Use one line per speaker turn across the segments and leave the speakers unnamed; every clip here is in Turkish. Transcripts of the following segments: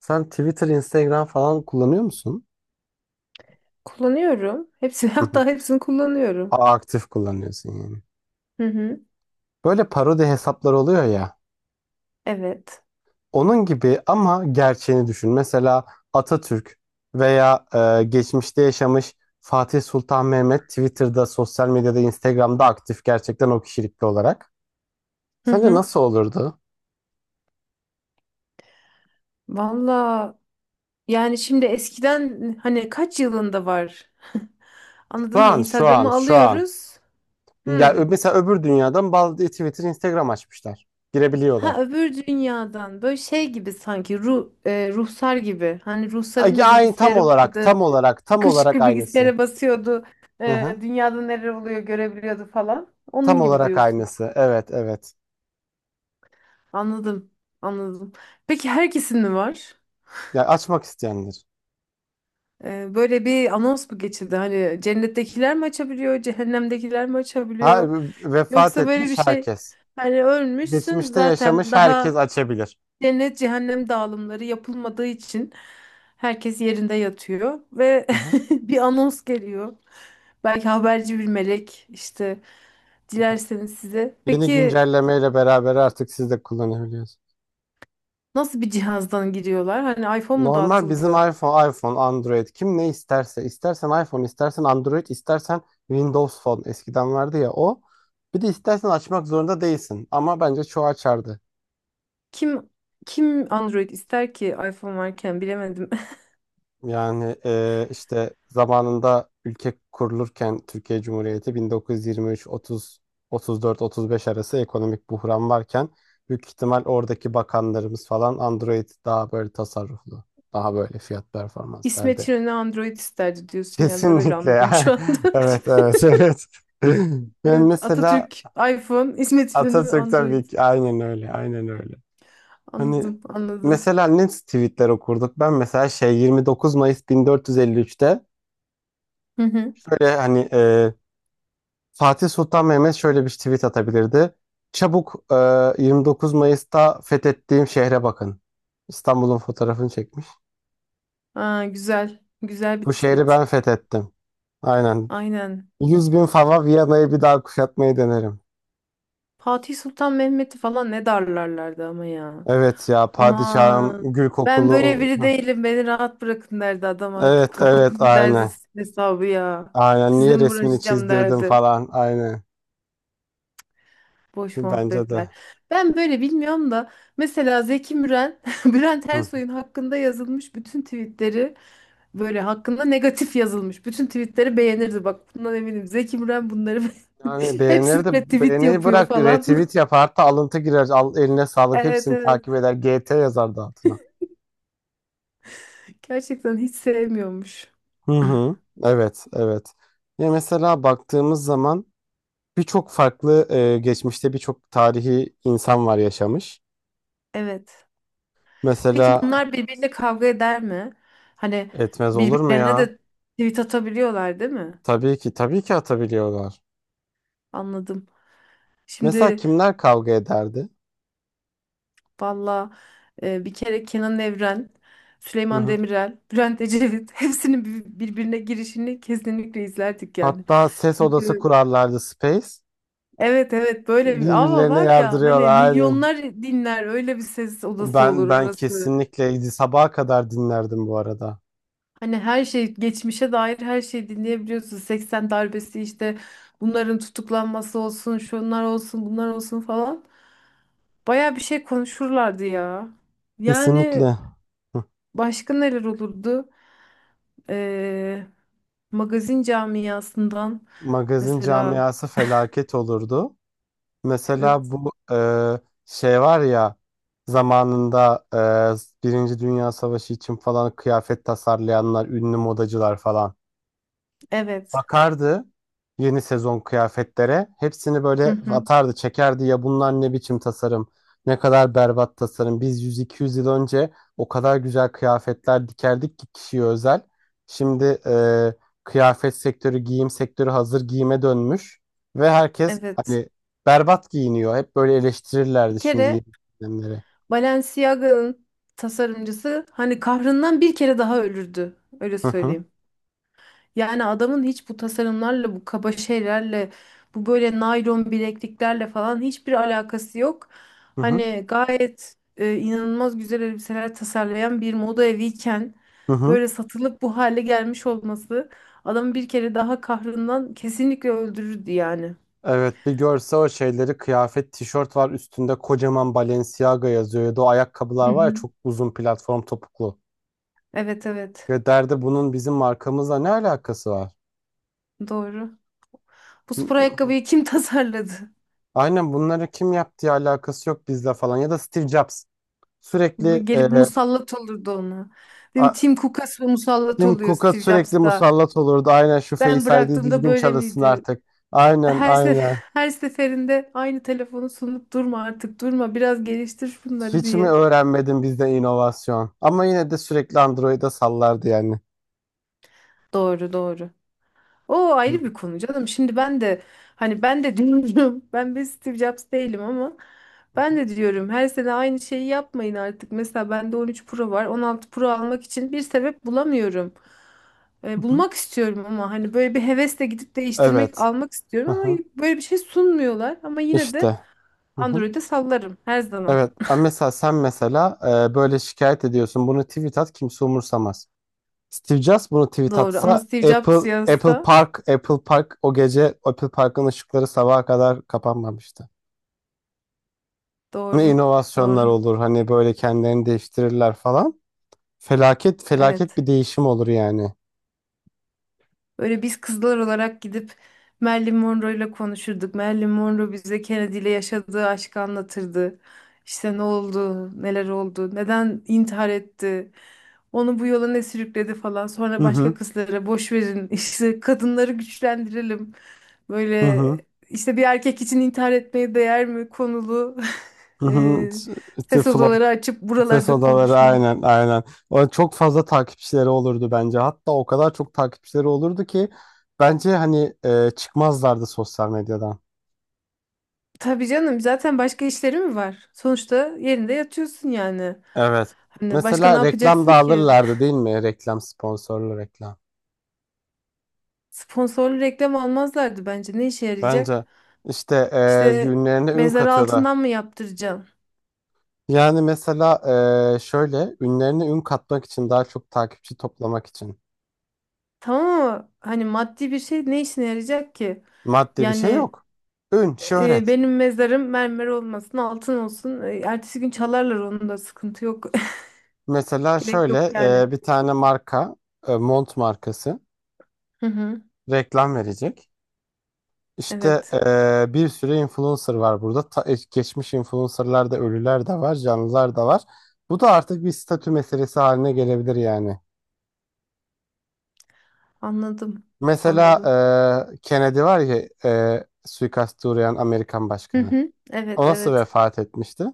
Sen Twitter, Instagram falan kullanıyor musun?
Kullanıyorum. Hepsini
Hı hı.
hatta hepsini kullanıyorum.
Aa, aktif kullanıyorsun yani.
Hı hı.
Böyle parodi hesaplar oluyor ya.
Evet.
Onun gibi ama gerçeğini düşün. Mesela Atatürk veya geçmişte yaşamış Fatih Sultan Mehmet Twitter'da, sosyal medyada, Instagram'da aktif gerçekten o kişilikli olarak.
Hı
Sence
hı.
nasıl olurdu?
Valla, yani şimdi eskiden hani kaç yılında var?
Şu
Anladın mı?
an, şu an,
Instagram'ı
şu an.
alıyoruz.
Ya
Hı.
mesela öbür dünyadan bazı Twitter, Instagram açmışlar.
Ha,
Girebiliyorlar.
öbür dünyadan böyle şey gibi, sanki ruh, ruhsar gibi. Hani
Ay,
ruhsarın da
ay, tam
bilgisayarı
olarak,
vardı.
tam olarak, tam
Şıkır
olarak
şıkır
aynısı.
bilgisayara basıyordu.
Hı hı.
Dünyada neler oluyor görebiliyordu falan.
Tam
Onun gibi
olarak
diyorsun.
aynısı. Evet, evet.
Anladım. Anladım. Peki herkesin mi var?
Ya açmak isteyendir.
Böyle bir anons mu geçildi? Hani cennettekiler mi açabiliyor, cehennemdekiler mi
Ha,
açabiliyor?
vefat
Yoksa böyle bir
etmiş
şey,
herkes.
hani ölmüşsün
Geçmişte
zaten
yaşamış herkes
daha,
açabilir.
cennet cehennem dağılımları yapılmadığı için herkes yerinde yatıyor ve
Hı hı,
bir anons geliyor. Belki haberci bir melek işte,
hı hı.
dilerseniz size.
Yeni
Peki
güncellemeyle beraber artık siz de kullanabiliyorsunuz.
nasıl bir cihazdan giriyorlar? Hani iPhone mu
Normal bizim
dağıtıldı?
iPhone, Android, kim ne isterse, istersen iPhone, istersen Android, istersen Windows Phone eskiden vardı ya o. Bir de istersen açmak zorunda değilsin ama bence çoğu açardı.
Kim kim Android ister ki iPhone varken, bilemedim.
Yani işte zamanında ülke kurulurken Türkiye Cumhuriyeti 1923, 30, 34, 35 arası ekonomik buhran varken büyük ihtimal oradaki bakanlarımız falan Android daha böyle tasarruflu, daha böyle fiyat performans
İsmet
derdi.
İnönü Android isterdi diyorsun yani, ben öyle
Kesinlikle ya.
anladım şu anda.
Evet evet evet. Ben
Evet,
mesela
Atatürk iPhone, İsmet İnönü
Atatürk'ten
Android.
bir, aynen öyle, aynen öyle. Hani
Anladım, anladım.
mesela ne tweetler okurduk? Ben mesela şey, 29 Mayıs 1453'te,
Hı hı.
böyle hani Fatih Sultan Mehmet şöyle bir tweet atabilirdi. Çabuk, 29 Mayıs'ta fethettiğim şehre bakın. İstanbul'un fotoğrafını çekmiş.
Aa, güzel, güzel
Bu
bir
şehri ben
tweet.
fethettim. Aynen.
Aynen.
100 bin fava Viyana'yı bir daha kuşatmayı denerim.
Fatih Sultan Mehmet'i falan ne darlarlardı ama ya.
Evet ya padişahım
Aman.
gül
Ben
kokulu.
böyle biri
Hı.
değilim, beni rahat bırakın derdi adam
Evet
artık.
evet
Kapatın, gider
aynen.
sizin hesabı ya.
Aynen
Sizle
niye
mi
resmini
uğraşacağım
çizdirdim
derdi.
falan, aynen.
Boş
Bence
muhabbetler.
de.
Ben böyle bilmiyorum da, mesela Zeki Müren, Bülent
Hı.
Ersoy'un hakkında yazılmış bütün tweetleri, böyle hakkında negatif yazılmış bütün tweetleri beğenirdi. Bak, bundan eminim. Zeki Müren bunları
Yani beğenir de,
hepsine tweet
beğeni
yapıyor
bırak
falan.
retweet yapar, hatta alıntı girer, al eline sağlık,
Evet,
hepsini takip
evet.
eder, GT yazar da altına.
Gerçekten hiç sevmiyormuş.
Hı hı. Evet evet. Ya mesela baktığımız zaman birçok farklı, geçmişte birçok tarihi insan var yaşamış.
Evet.
Mesela
Peki bunlar birbiriyle kavga eder mi? Hani
etmez olur mu
birbirlerine
ya?
de tweet atabiliyorlar, değil mi?
Tabii ki tabii ki atabiliyorlar.
Anladım.
Mesela
Şimdi
kimler kavga ederdi?
valla, bir kere Kenan Evren,
Hı
Süleyman
hı.
Demirel, Bülent Ecevit hepsinin birbirine girişini kesinlikle izlerdik yani.
Hatta ses odası
Çünkü
kurarlardı, Space.
evet evet, böyle bir ama
Birbirlerine
var ya hani,
yardırıyorlar aynen.
milyonlar dinler, öyle bir ses odası
Ben
olur
ben
orası.
kesinlikle sabaha kadar dinlerdim bu arada.
Hani her şey, geçmişe dair her şeyi dinleyebiliyorsun. 80 darbesi işte, bunların tutuklanması olsun, şunlar olsun, bunlar olsun falan. Baya bir şey konuşurlardı ya. Yani
Kesinlikle. Hı.
başka neler olurdu? Ee, Magazin camiasından
Magazin
mesela,
camiası felaket olurdu. Mesela
evet.
bu şey var ya, zamanında Birinci Dünya Savaşı için falan kıyafet tasarlayanlar, ünlü modacılar falan
Evet.
bakardı yeni sezon kıyafetlere. Hepsini
Hı
böyle
hı,
atardı, çekerdi. Ya bunlar ne biçim tasarım, ne kadar berbat tasarım. Biz 100-200 yıl önce o kadar güzel kıyafetler dikerdik ki, kişiye özel. Şimdi kıyafet sektörü, giyim sektörü hazır giyime dönmüş. Ve herkes
evet.
hani berbat giyiniyor. Hep böyle
Bir
eleştirirlerdi şimdi
kere
yeni dönemleri.
Balenciaga'nın tasarımcısı hani kahrından bir kere daha ölürdü. Öyle
Hı hı,
söyleyeyim. Yani adamın hiç bu tasarımlarla, bu kaba şeylerle, bu böyle naylon bilekliklerle falan hiçbir alakası yok.
hı hı,
Hani gayet inanılmaz güzel elbiseler tasarlayan bir moda eviyken
hı hı.
böyle satılıp bu hale gelmiş olması, adamı bir kere daha kahrından kesinlikle öldürürdü yani.
Evet, bir görse o şeyleri, kıyafet, tişört var üstünde kocaman Balenciaga yazıyor, ya da o ayakkabılar
Hı
var ya,
hı.
çok uzun platform topuklu.
Evet evet,
Ya derdi bunun bizim markamızla ne alakası var?
doğru. Bu spor
M-
ayakkabıyı kim tasarladı?
Aynen, bunları kim yaptığı alakası yok bizle falan, ya da Steve Jobs
Bu
sürekli
gelip musallat olurdu ona. Benim
a-
Tim Cook'a musallat
Tim
oluyor
Cook'a
Steve
sürekli
Jobs'ta.
musallat olurdu. Aynen, şu
Ben
Face ID
bıraktığımda
düzgün
böyle
çalışsın
miydi?
artık. Aynen
Her sef
aynen.
her seferinde aynı telefonu sunup durma artık, durma, biraz geliştir bunları
Hiç mi
diye.
öğrenmedin bizde inovasyon? Ama yine de sürekli Android'e sallardı yani.
Doğru, doğru. O
Hı
ayrı
hı,
bir konu canım. Şimdi ben de, hani ben de diyorum, ben bir Steve Jobs değilim ama,
hı
ben
hı.
de diyorum her sene aynı şeyi yapmayın artık. Mesela bende 13 Pro var. 16 Pro almak için bir sebep bulamıyorum.
Hı hı.
Bulmak istiyorum ama hani böyle bir hevesle gidip değiştirmek,
Evet.
almak istiyorum
Hı
ama
hı.
böyle bir şey sunmuyorlar. Ama yine de
İşte. Hı hı.
Android'e sallarım her zaman.
Evet. Ama mesela sen mesela böyle şikayet ediyorsun. Bunu tweet at, kimse umursamaz. Steve Jobs bunu tweet
Doğru, ama
atsa,
Steve
Apple
Jobs
Apple
yazsa,
Park Apple Park o gece Apple Park'ın ışıkları sabaha kadar kapanmamıştı. Ne
doğru.
inovasyonlar
Doğru.
olur, hani böyle kendilerini değiştirirler falan. Felaket, felaket
Evet.
bir değişim olur yani.
Böyle biz kızlar olarak gidip Marilyn Monroe'yla konuşurduk. Marilyn Monroe bize Kennedy ile yaşadığı aşkı anlatırdı. İşte ne oldu, neler oldu, neden intihar etti, onu bu yola ne sürükledi falan.
Hı
Sonra
hı.
başka kızlara, boş verin, işte kadınları güçlendirelim.
Hı
Böyle
hı.
işte bir erkek için intihar etmeye değer mi konulu
Hı hı.
e,
T- t-
ses
Flow
odaları açıp
Ses
buralarda
odaları,
konuşmak.
aynen aynen. O çok fazla takipçileri olurdu bence. Hatta o kadar çok takipçileri olurdu ki bence hani çıkmazlardı sosyal medyadan.
Tabii canım, zaten başka işleri mi var? Sonuçta yerinde yatıyorsun yani.
Evet.
Hani başka ne
Mesela reklam da
yapacaksın ki?
alırlardı değil mi? Reklam, sponsorlu reklam.
Sponsorlu reklam almazlardı bence. Ne işe yarayacak?
Bence işte
İşte
ünlerine ün
mezarı
katıyorlar.
altından mı yaptıracaksın?
Yani mesela şöyle ünlerine ün katmak için, daha çok takipçi toplamak için,
Tamam ama hani maddi bir şey ne işine yarayacak ki?
maddi bir şey
Yani
yok. Ün, şöhret.
benim mezarım mermer olmasın, altın olsun. E, ertesi gün çalarlar, onun da sıkıntı yok.
Mesela
Gerek yok
şöyle
yani.
bir tane marka, mont markası
Hı hı.
reklam verecek. İşte
Evet.
bir sürü influencer var burada. Geçmiş influencerlar da, ölüler de var, canlılar da var. Bu da artık bir statü meselesi haline gelebilir yani.
Anladım.
Mesela
Anladım.
Kennedy var ya, suikaste uğrayan Amerikan
Hı
başkanı.
hı. Evet,
O nasıl
evet.
vefat etmişti?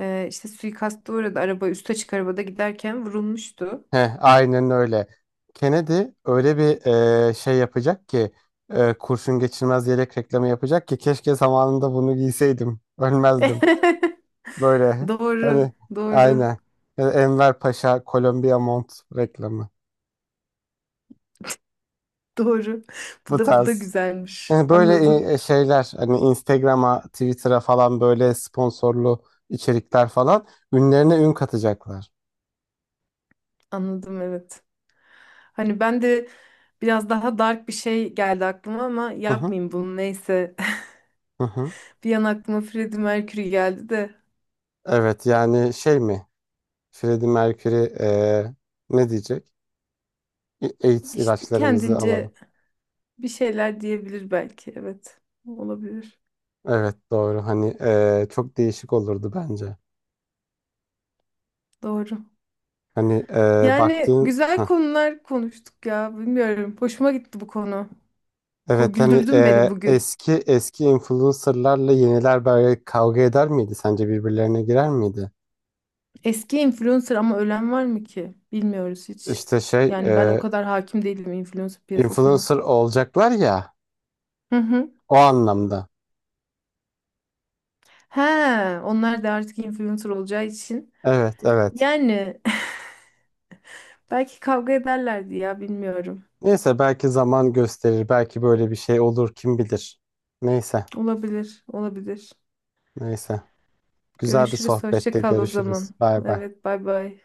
İşte suikasta uğradı. Araba, üst açık arabada giderken vurulmuştu.
Heh, aynen öyle. Kennedy öyle bir şey yapacak ki, kurşun geçirmez yelek reklamı yapacak ki, keşke zamanında bunu giyseydim, ölmezdim. Böyle.
Doğru,
Hani,
doğru,
aynen. Yani Enver Paşa, Kolombiya Mont reklamı.
doğru. Bu
Bu
da bu da
tarz.
güzelmiş.
Yani böyle
Anladım,
şeyler, hani Instagram'a, Twitter'a falan böyle sponsorlu içerikler falan, ünlerine ün katacaklar.
anladım, evet. Hani ben de biraz daha dark bir şey geldi aklıma ama
Hı hı,
yapmayayım bunu, neyse.
hı hı.
Bir an aklıma Freddie Mercury geldi de,
Evet yani şey mi? Freddie Mercury ne diyecek? AIDS
işte
ilaçlarımızı alalım."
kendince bir şeyler diyebilir belki. Evet, olabilir.
Evet doğru. Hani çok değişik olurdu bence.
Doğru.
Hani
Yani
baktığın...
güzel
Hı.
konular konuştuk ya. Bilmiyorum. Hoşuma gitti bu konu. Ko,
Evet, hani
güldürdün beni bugün.
eski eski influencerlarla yeniler böyle kavga eder miydi? Sence birbirlerine girer miydi?
Eski influencer ama ölen var mı ki? Bilmiyoruz hiç.
İşte şey,
Yani ben o kadar hakim değilim influencer piyasasına.
influencer olacaklar ya
Hı hı.
o anlamda.
He, onlar da artık influencer olacağı için.
Evet evet.
Yani belki kavga ederlerdi ya, bilmiyorum.
Neyse, belki zaman gösterir. Belki böyle bir şey olur, kim bilir. Neyse
Olabilir, olabilir.
neyse. Güzel bir
Görüşürüz. Hoşça
sohbette
kal o zaman.
görüşürüz. Bay bay.
Evet, bay bay.